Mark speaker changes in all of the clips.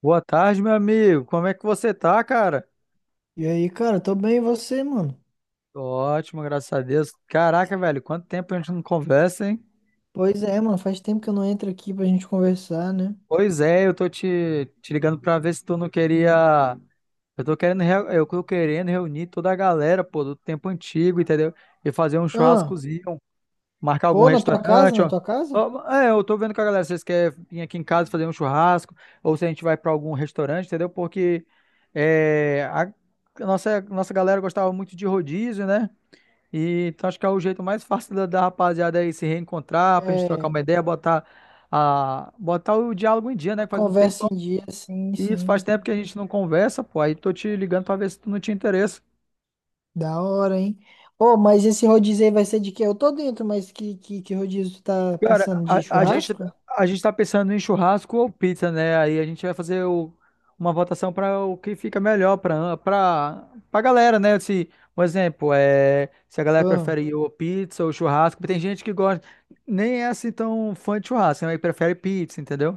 Speaker 1: Boa tarde, meu amigo. Como é que você tá, cara?
Speaker 2: E aí, cara, tô bem, e você, mano?
Speaker 1: Tô ótimo, graças a Deus. Caraca, velho, quanto tempo a gente não conversa, hein?
Speaker 2: Pois é, mano, faz tempo que eu não entro aqui pra gente conversar, né?
Speaker 1: Pois é, eu tô te ligando pra ver se tu não queria. Eu tô querendo reunir toda a galera, pô, do tempo antigo, entendeu? E fazer um
Speaker 2: Ah,
Speaker 1: churrascozinho, marcar algum
Speaker 2: pô, na tua casa,
Speaker 1: restaurante.
Speaker 2: na
Speaker 1: Ó.
Speaker 2: tua casa?
Speaker 1: Ó, é, eu tô vendo com a galera, vocês querem vir aqui em casa fazer um churrasco, ou se a gente vai pra algum restaurante, entendeu? Porque é, a nossa galera gostava muito de rodízio, né? E então acho que é o jeito mais fácil da rapaziada aí se reencontrar, pra gente trocar
Speaker 2: É,
Speaker 1: uma ideia, botar o diálogo em dia, né?
Speaker 2: uma
Speaker 1: Que faz um tempo.
Speaker 2: conversa em dia, sim,
Speaker 1: E isso faz
Speaker 2: sim.
Speaker 1: tempo que a gente não conversa, pô. Aí tô te ligando pra ver se tu não tinha interesse.
Speaker 2: Da hora, hein? Ô, mas esse rodízio aí vai ser de quê? Eu tô dentro, mas que rodízio tu tá
Speaker 1: Cara,
Speaker 2: pensando de churrasco?
Speaker 1: a gente tá pensando em churrasco ou pizza, né? Aí a gente vai fazer o- Uma votação para o que fica melhor pra para para galera, né? Se, por exemplo, se a galera
Speaker 2: Ah,
Speaker 1: prefere ou pizza ou churrasco, porque tem gente que gosta nem é assim tão fã de churrasco, né? Mas prefere pizza, entendeu?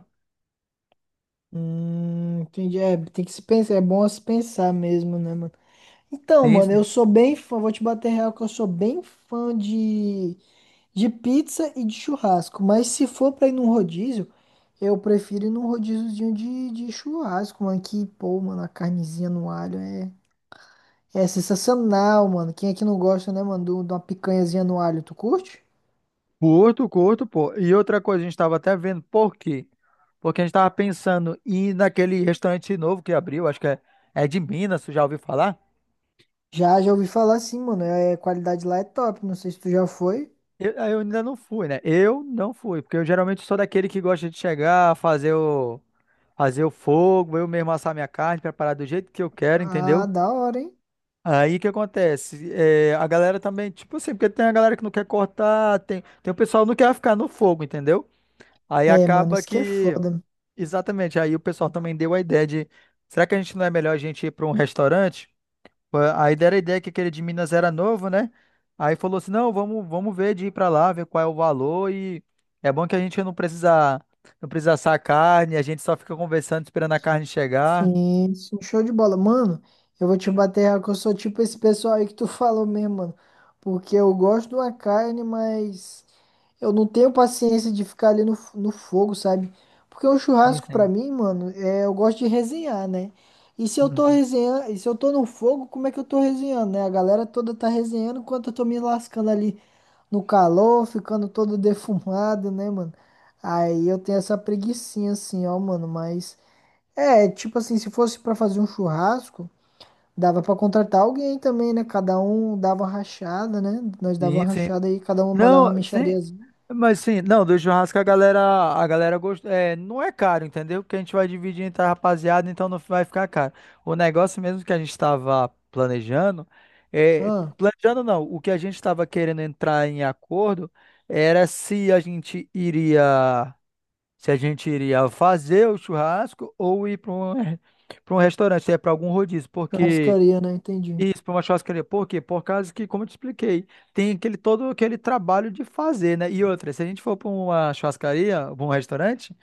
Speaker 2: Entendi. É, tem que se pensar, é bom se pensar mesmo, né, mano? Então,
Speaker 1: Sim,
Speaker 2: mano, eu
Speaker 1: sim.
Speaker 2: sou bem fã, vou te bater real que eu sou bem fã de. De pizza e de churrasco. Mas se for pra ir num rodízio, eu prefiro ir num rodíziozinho de churrasco, mano. Que, pô, mano, a carnezinha no alho é, é sensacional, mano. Quem é que não gosta, né, mano, de uma picanhazinha no alho? Tu curte?
Speaker 1: Curto, curto, pô. E outra coisa, a gente estava até vendo por quê? Porque a gente estava pensando em ir naquele restaurante novo que abriu, acho que é, é de Minas, tu já ouviu falar?
Speaker 2: Já, já ouvi falar assim, mano. É, a qualidade lá é top. Não sei se tu já foi.
Speaker 1: Eu ainda não fui, né? Eu não fui, porque eu geralmente sou daquele que gosta de chegar, fazer o fogo, eu mesmo assar minha carne, preparar do jeito que eu quero,
Speaker 2: Ah,
Speaker 1: entendeu?
Speaker 2: da hora, hein?
Speaker 1: Aí o que acontece? É, a galera também, tipo assim, porque tem a galera que não quer cortar, tem o pessoal que não quer ficar no fogo, entendeu? Aí
Speaker 2: É, mano,
Speaker 1: acaba
Speaker 2: isso que é
Speaker 1: que.
Speaker 2: foda.
Speaker 1: Exatamente. Aí o pessoal também deu a ideia de, será que a gente não é melhor a gente ir para um restaurante? A Aí deram a ideia que aquele de Minas era novo, né? Aí falou assim, não, vamos ver de ir para lá, ver qual é o valor e é bom que a gente não precisa assar a carne, a gente só fica conversando esperando a carne chegar.
Speaker 2: Sim, sim, show de bola. Mano, eu vou te bater real que eu sou tipo esse pessoal aí que tu falou mesmo, mano. Porque eu gosto de uma carne, mas eu não tenho paciência de ficar ali no, no fogo, sabe? Porque um
Speaker 1: Sim,
Speaker 2: churrasco pra
Speaker 1: sim.
Speaker 2: mim, mano, é, eu gosto de resenhar, né? E se eu tô
Speaker 1: Uhum.
Speaker 2: resenhando, e se eu tô no fogo, como é que eu tô resenhando, né? A galera toda tá resenhando enquanto eu tô me lascando ali no calor, ficando todo defumado, né, mano? Aí eu tenho essa preguicinha assim, ó, mano, mas. É, tipo assim, se fosse pra fazer um churrasco, dava pra contratar alguém também, né? Cada um dava uma rachada, né? Nós dava
Speaker 1: Sim,
Speaker 2: uma
Speaker 1: sim.
Speaker 2: rachada aí, cada um mandava uma
Speaker 1: Não, sim,
Speaker 2: mixariazinha.
Speaker 1: mas sim, não, do churrasco a galera gosta, é, não é caro, entendeu? Porque a gente vai dividir entre a rapaziada, então não vai ficar caro. O negócio mesmo que a gente estava planejando, é,
Speaker 2: Ah,
Speaker 1: planejando não, o que a gente estava querendo entrar em acordo era se a gente iria fazer o churrasco ou ir para um, para um restaurante, se é para algum rodízio, porque
Speaker 2: churrascaria, né? Entendi.
Speaker 1: isso, para uma churrascaria. Por quê? Por causa que, como eu te expliquei, tem aquele todo aquele trabalho de fazer, né? E outra, se a gente for para uma churrascaria, pra um restaurante,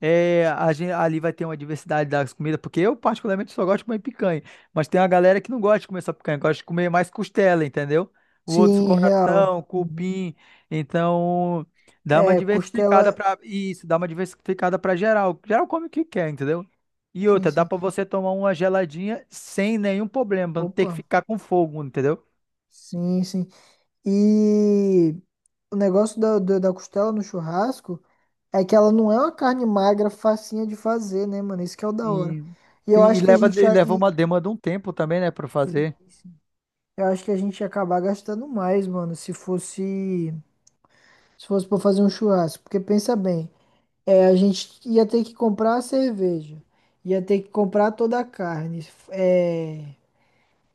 Speaker 1: ali vai ter uma diversidade das comidas, porque eu particularmente só gosto de comer picanha, mas tem uma galera que não gosta de comer só picanha, gosta de comer mais costela, entendeu? O outro
Speaker 2: Sim, real.
Speaker 1: coração,
Speaker 2: Uhum.
Speaker 1: cupim, então dá
Speaker 2: É,
Speaker 1: uma
Speaker 2: costela.
Speaker 1: diversificada para isso, dá uma diversificada para geral. Geral come o que quer, entendeu? E
Speaker 2: Sim,
Speaker 1: outra, dá
Speaker 2: sim.
Speaker 1: para você tomar uma geladinha sem nenhum problema, pra não ter que
Speaker 2: Opa.
Speaker 1: ficar com fogo, entendeu?
Speaker 2: Sim, sim. E o negócio da costela no churrasco é que ela não é uma carne magra, facinha de fazer, né, mano? Isso que é o da hora.
Speaker 1: E,
Speaker 2: E
Speaker 1: sim,
Speaker 2: eu acho que a gente
Speaker 1: e
Speaker 2: já.
Speaker 1: leva uma demanda um tempo também, né, para
Speaker 2: e-
Speaker 1: fazer.
Speaker 2: Eu acho que a gente ia acabar gastando mais, mano, se fosse para fazer um churrasco, porque pensa bem, é, a gente ia ter que comprar a cerveja, ia ter que comprar toda a carne, é,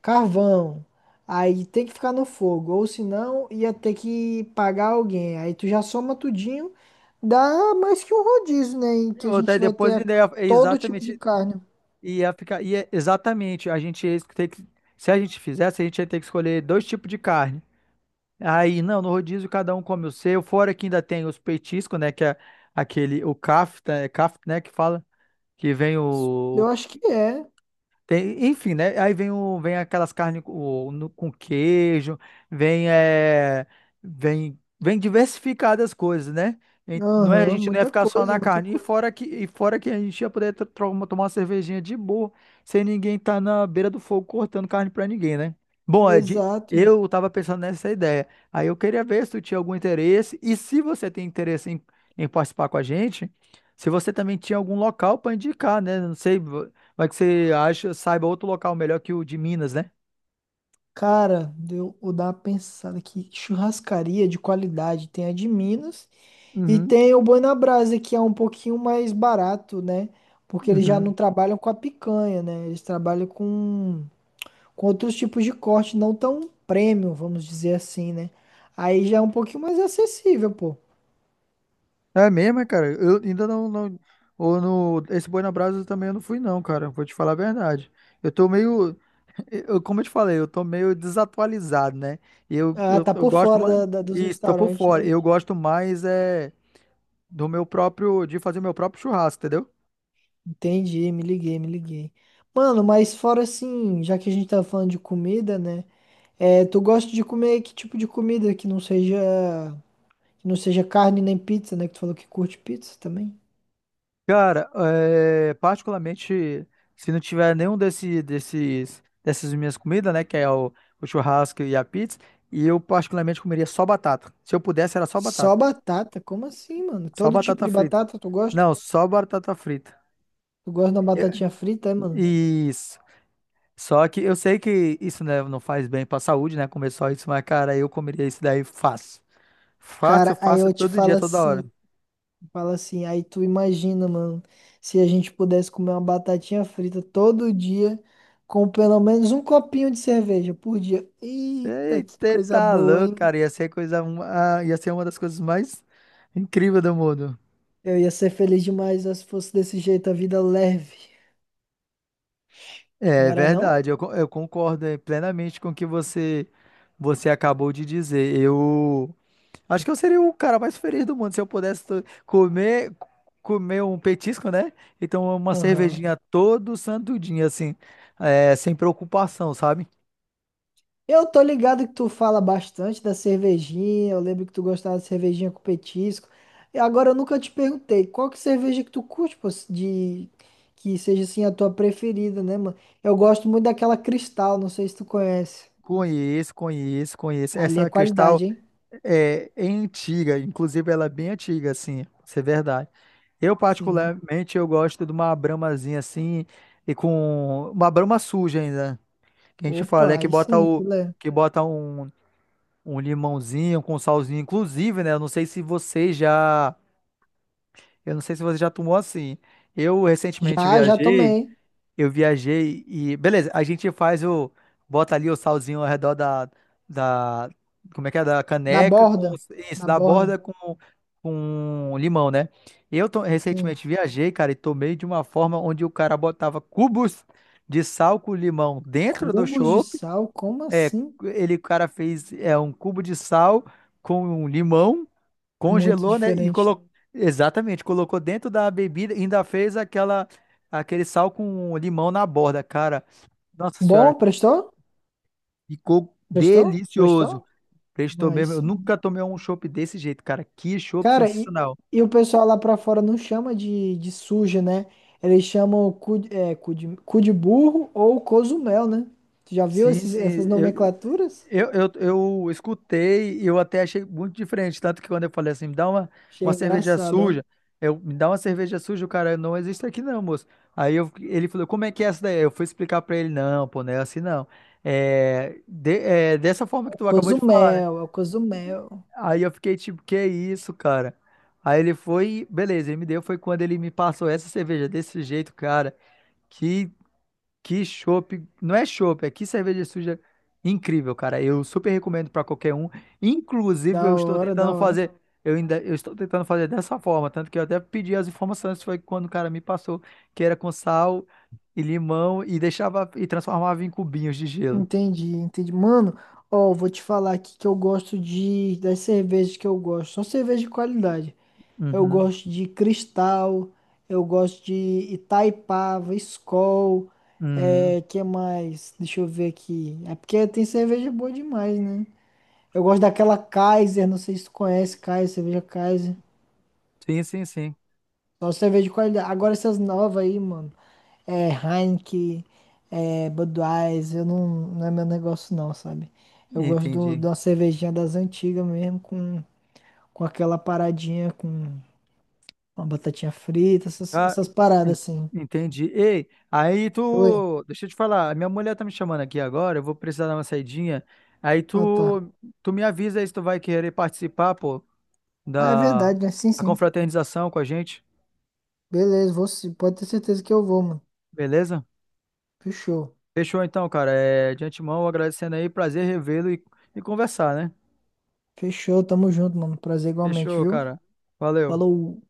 Speaker 2: carvão, aí tem que ficar no fogo, ou senão ia ter que pagar alguém. Aí tu já soma tudinho, dá mais que um rodízio, né, em
Speaker 1: E
Speaker 2: que a
Speaker 1: outra, aí
Speaker 2: gente vai ter
Speaker 1: depois ainda é- é
Speaker 2: todo tipo de
Speaker 1: exatamente.
Speaker 2: carne.
Speaker 1: Exatamente, a gente ia ter que, se a gente fizesse, a gente ia ter que escolher dois tipos de carne. Aí, não, no rodízio cada um come o seu, fora que ainda tem os petiscos, né, que é aquele, o kafta, né, que fala, que vem o,
Speaker 2: Eu acho que é.
Speaker 1: tem, enfim, né? Vem aquelas carnes com, com queijo, vem, é, vem diversificadas as coisas, né? A
Speaker 2: Aham,
Speaker 1: gente não ia
Speaker 2: muita
Speaker 1: ficar só
Speaker 2: coisa,
Speaker 1: na
Speaker 2: muita
Speaker 1: carne.
Speaker 2: coisa.
Speaker 1: E fora que a gente ia poder tomar uma cervejinha de boa, sem ninguém estar na beira do fogo cortando carne pra ninguém, né? Bom, Ed,
Speaker 2: Exato.
Speaker 1: eu tava pensando nessa ideia. Aí eu queria ver se tu tinha algum interesse. E se você tem interesse em, em participar com a gente, se você também tinha algum local para indicar, né? Não sei. Vai que você acha, saiba outro local melhor que o de Minas, né?
Speaker 2: Cara, deu, vou dar uma pensada aqui. Churrascaria de qualidade. Tem a de Minas e
Speaker 1: Uhum,
Speaker 2: tem o Boi na Brasa, que é um pouquinho mais barato, né? Porque eles já não
Speaker 1: uhum.
Speaker 2: trabalham com a picanha, né? Eles trabalham com outros tipos de corte, não tão premium, vamos dizer assim, né? Aí já é um pouquinho mais acessível, pô.
Speaker 1: É mesmo, é, cara. Eu ainda não, não. Ou no. Esse Boi na Brasa também eu não fui, não, cara. Vou te falar a verdade. Eu tô meio. Eu, como eu te falei, eu tô meio desatualizado, né? Eu,
Speaker 2: Ah,
Speaker 1: eu,
Speaker 2: tá
Speaker 1: eu
Speaker 2: por
Speaker 1: gosto
Speaker 2: fora
Speaker 1: mais.
Speaker 2: dos
Speaker 1: Isso, tô por
Speaker 2: restaurantes,
Speaker 1: fora.
Speaker 2: né?
Speaker 1: Eu gosto mais é, do meu próprio. De fazer meu próprio churrasco, entendeu?
Speaker 2: Entendi, me liguei, me liguei. Mano, mas fora assim, já que a gente tá falando de comida, né? É, tu gosta de comer que tipo de comida que não seja carne nem pizza, né? Que tu falou que curte pizza também.
Speaker 1: Cara, é, particularmente, se não tiver dessas minhas comidas, né, que é o churrasco e a pizza, e eu particularmente comeria só batata. Se eu pudesse, era só
Speaker 2: Só
Speaker 1: batata.
Speaker 2: batata? Como assim, mano?
Speaker 1: Só
Speaker 2: Todo tipo
Speaker 1: batata
Speaker 2: de
Speaker 1: frita.
Speaker 2: batata tu gosta?
Speaker 1: Não, só batata frita.
Speaker 2: Tu gosta de uma
Speaker 1: Eu-
Speaker 2: batatinha frita, é, mano?
Speaker 1: isso. Só que eu sei que isso, né, não faz bem pra saúde, né, comer só isso, mas, cara, eu comeria isso daí fácil. Fácil,
Speaker 2: Cara, aí
Speaker 1: fácil,
Speaker 2: eu te
Speaker 1: todo dia, toda hora.
Speaker 2: falo assim, aí tu imagina, mano, se a gente pudesse comer uma batatinha frita todo dia com pelo menos um copinho de cerveja por dia. Eita, que
Speaker 1: Eita,
Speaker 2: coisa
Speaker 1: tá
Speaker 2: boa,
Speaker 1: louco,
Speaker 2: hein?
Speaker 1: cara. Ia ser uma das coisas mais incríveis do mundo.
Speaker 2: Eu ia ser feliz demais, ó, se fosse desse jeito a vida leve, não
Speaker 1: É
Speaker 2: era não?
Speaker 1: verdade, eu concordo plenamente com o que você acabou de dizer. Eu acho que eu seria o cara mais feliz do mundo se eu pudesse comer um petisco, né? Então, uma
Speaker 2: Aham.
Speaker 1: cervejinha todo santo dia, assim, sem preocupação, sabe?
Speaker 2: Eu tô ligado que tu fala bastante da cervejinha. Eu lembro que tu gostava de cervejinha com petisco. E agora eu nunca te perguntei, qual que é a cerveja que tu curte, pô, de que seja assim a tua preferida, né, mano? Eu gosto muito daquela Cristal, não sei se tu conhece.
Speaker 1: Conheço.
Speaker 2: Ali é
Speaker 1: Essa Cristal
Speaker 2: qualidade, hein?
Speaker 1: é, é antiga, inclusive ela é bem antiga, assim, isso é verdade. Eu,
Speaker 2: Sim.
Speaker 1: particularmente, eu gosto de uma bramazinha assim, e com uma brama suja ainda. Que a gente fala é
Speaker 2: Opa,
Speaker 1: que
Speaker 2: aí
Speaker 1: bota
Speaker 2: sim,
Speaker 1: o
Speaker 2: filé.
Speaker 1: que bota um, um limãozinho com salzinho, inclusive, né? Eu não sei se você já tomou assim. Eu recentemente
Speaker 2: Já, já
Speaker 1: viajei,
Speaker 2: tomei.
Speaker 1: eu viajei e beleza, a gente faz o bota ali o salzinho ao redor da como é que é da
Speaker 2: Da
Speaker 1: caneca com
Speaker 2: borda.
Speaker 1: isso,
Speaker 2: Da
Speaker 1: da
Speaker 2: borda.
Speaker 1: borda com limão, né?
Speaker 2: Tem
Speaker 1: Recentemente viajei, cara, e tomei de uma forma onde o cara botava cubos de sal com limão dentro do
Speaker 2: cubos de
Speaker 1: chopp
Speaker 2: sal, como
Speaker 1: é,
Speaker 2: assim?
Speaker 1: o cara fez é, um cubo de sal com um limão,
Speaker 2: Muito
Speaker 1: congelou, né? E
Speaker 2: diferente.
Speaker 1: colocou. Exatamente, colocou dentro da bebida e ainda fez aquele sal com limão na borda, cara. Nossa
Speaker 2: Bom,
Speaker 1: senhora,
Speaker 2: prestou?
Speaker 1: ficou
Speaker 2: Prestou?
Speaker 1: delicioso.
Speaker 2: Prestou?
Speaker 1: Prestou
Speaker 2: Aí
Speaker 1: mesmo. Eu
Speaker 2: sim.
Speaker 1: nunca tomei um chopp desse jeito, cara. Que chopp
Speaker 2: Cara,
Speaker 1: sensacional.
Speaker 2: e o pessoal lá pra fora não chama de suja, né? Eles chamam cu, é, cu de burro ou cozumel, né? Tu já viu
Speaker 1: Sim,
Speaker 2: esses,
Speaker 1: sim.
Speaker 2: essas
Speaker 1: Eu,
Speaker 2: nomenclaturas?
Speaker 1: Eu, eu, eu escutei e eu até achei muito diferente. Tanto que quando eu falei assim,
Speaker 2: Achei
Speaker 1: uma cerveja
Speaker 2: engraçado,
Speaker 1: suja, eu, me dá uma cerveja suja, o cara não existe aqui não, moço. Ele falou, como é que é essa daí? Eu fui explicar pra ele, não, pô, não é assim não. É, é dessa forma
Speaker 2: ó. É
Speaker 1: que
Speaker 2: o
Speaker 1: tu acabou de falar, né?
Speaker 2: Cozumel, é o cozumel.
Speaker 1: Aí eu fiquei tipo, que isso, cara? Aí ele foi, beleza, ele me deu, foi quando ele me passou essa cerveja desse jeito, cara. Que que chopp, não é chopp, é que cerveja suja incrível, cara. Eu super recomendo pra qualquer um. Inclusive,
Speaker 2: Da
Speaker 1: eu estou
Speaker 2: hora,
Speaker 1: tentando
Speaker 2: da hora.
Speaker 1: fazer, eu estou tentando fazer dessa forma, tanto que eu até pedi as informações, foi quando o cara me passou que era com sal e limão e deixava e transformava em cubinhos de gelo.
Speaker 2: Entendi, entendi. Mano, ó, vou te falar aqui que eu gosto de, das cervejas que eu gosto. Só cerveja de qualidade. Eu
Speaker 1: Uhum,
Speaker 2: gosto de Cristal, eu gosto de Itaipava, Skol,
Speaker 1: uhum.
Speaker 2: é, que mais? Deixa eu ver aqui. É porque tem cerveja boa demais, né? Eu gosto daquela Kaiser, não sei se tu conhece Kaiser, cerveja Kaiser.
Speaker 1: Sim, sim, sim.
Speaker 2: Só cerveja de qualidade. Agora essas novas aí, mano. É Heineken, é Budweiser, eu não, não é meu negócio não, sabe? Eu gosto do,
Speaker 1: Entendi.
Speaker 2: de uma cervejinha das antigas mesmo, com aquela paradinha, com uma batatinha frita, essas,
Speaker 1: Ah,
Speaker 2: essas
Speaker 1: en-
Speaker 2: paradas assim.
Speaker 1: entendi. Ei, aí
Speaker 2: Oi.
Speaker 1: tu. Deixa eu te falar, a minha mulher tá me chamando aqui agora, eu vou precisar dar uma saidinha. Aí
Speaker 2: Ah, tá.
Speaker 1: tu, tu me avisa aí se tu vai querer participar, pô,
Speaker 2: Ah, é
Speaker 1: da
Speaker 2: verdade, né? Sim,
Speaker 1: da
Speaker 2: sim.
Speaker 1: confraternização com a gente,
Speaker 2: Beleza, vou sim. Pode ter certeza que eu vou, mano.
Speaker 1: beleza?
Speaker 2: Fechou.
Speaker 1: Fechou então, cara. É, de antemão, agradecendo aí, prazer revê-lo e conversar, né?
Speaker 2: Fechou, tamo junto, mano. Prazer igualmente,
Speaker 1: Fechou,
Speaker 2: viu?
Speaker 1: cara. Valeu.
Speaker 2: Falou.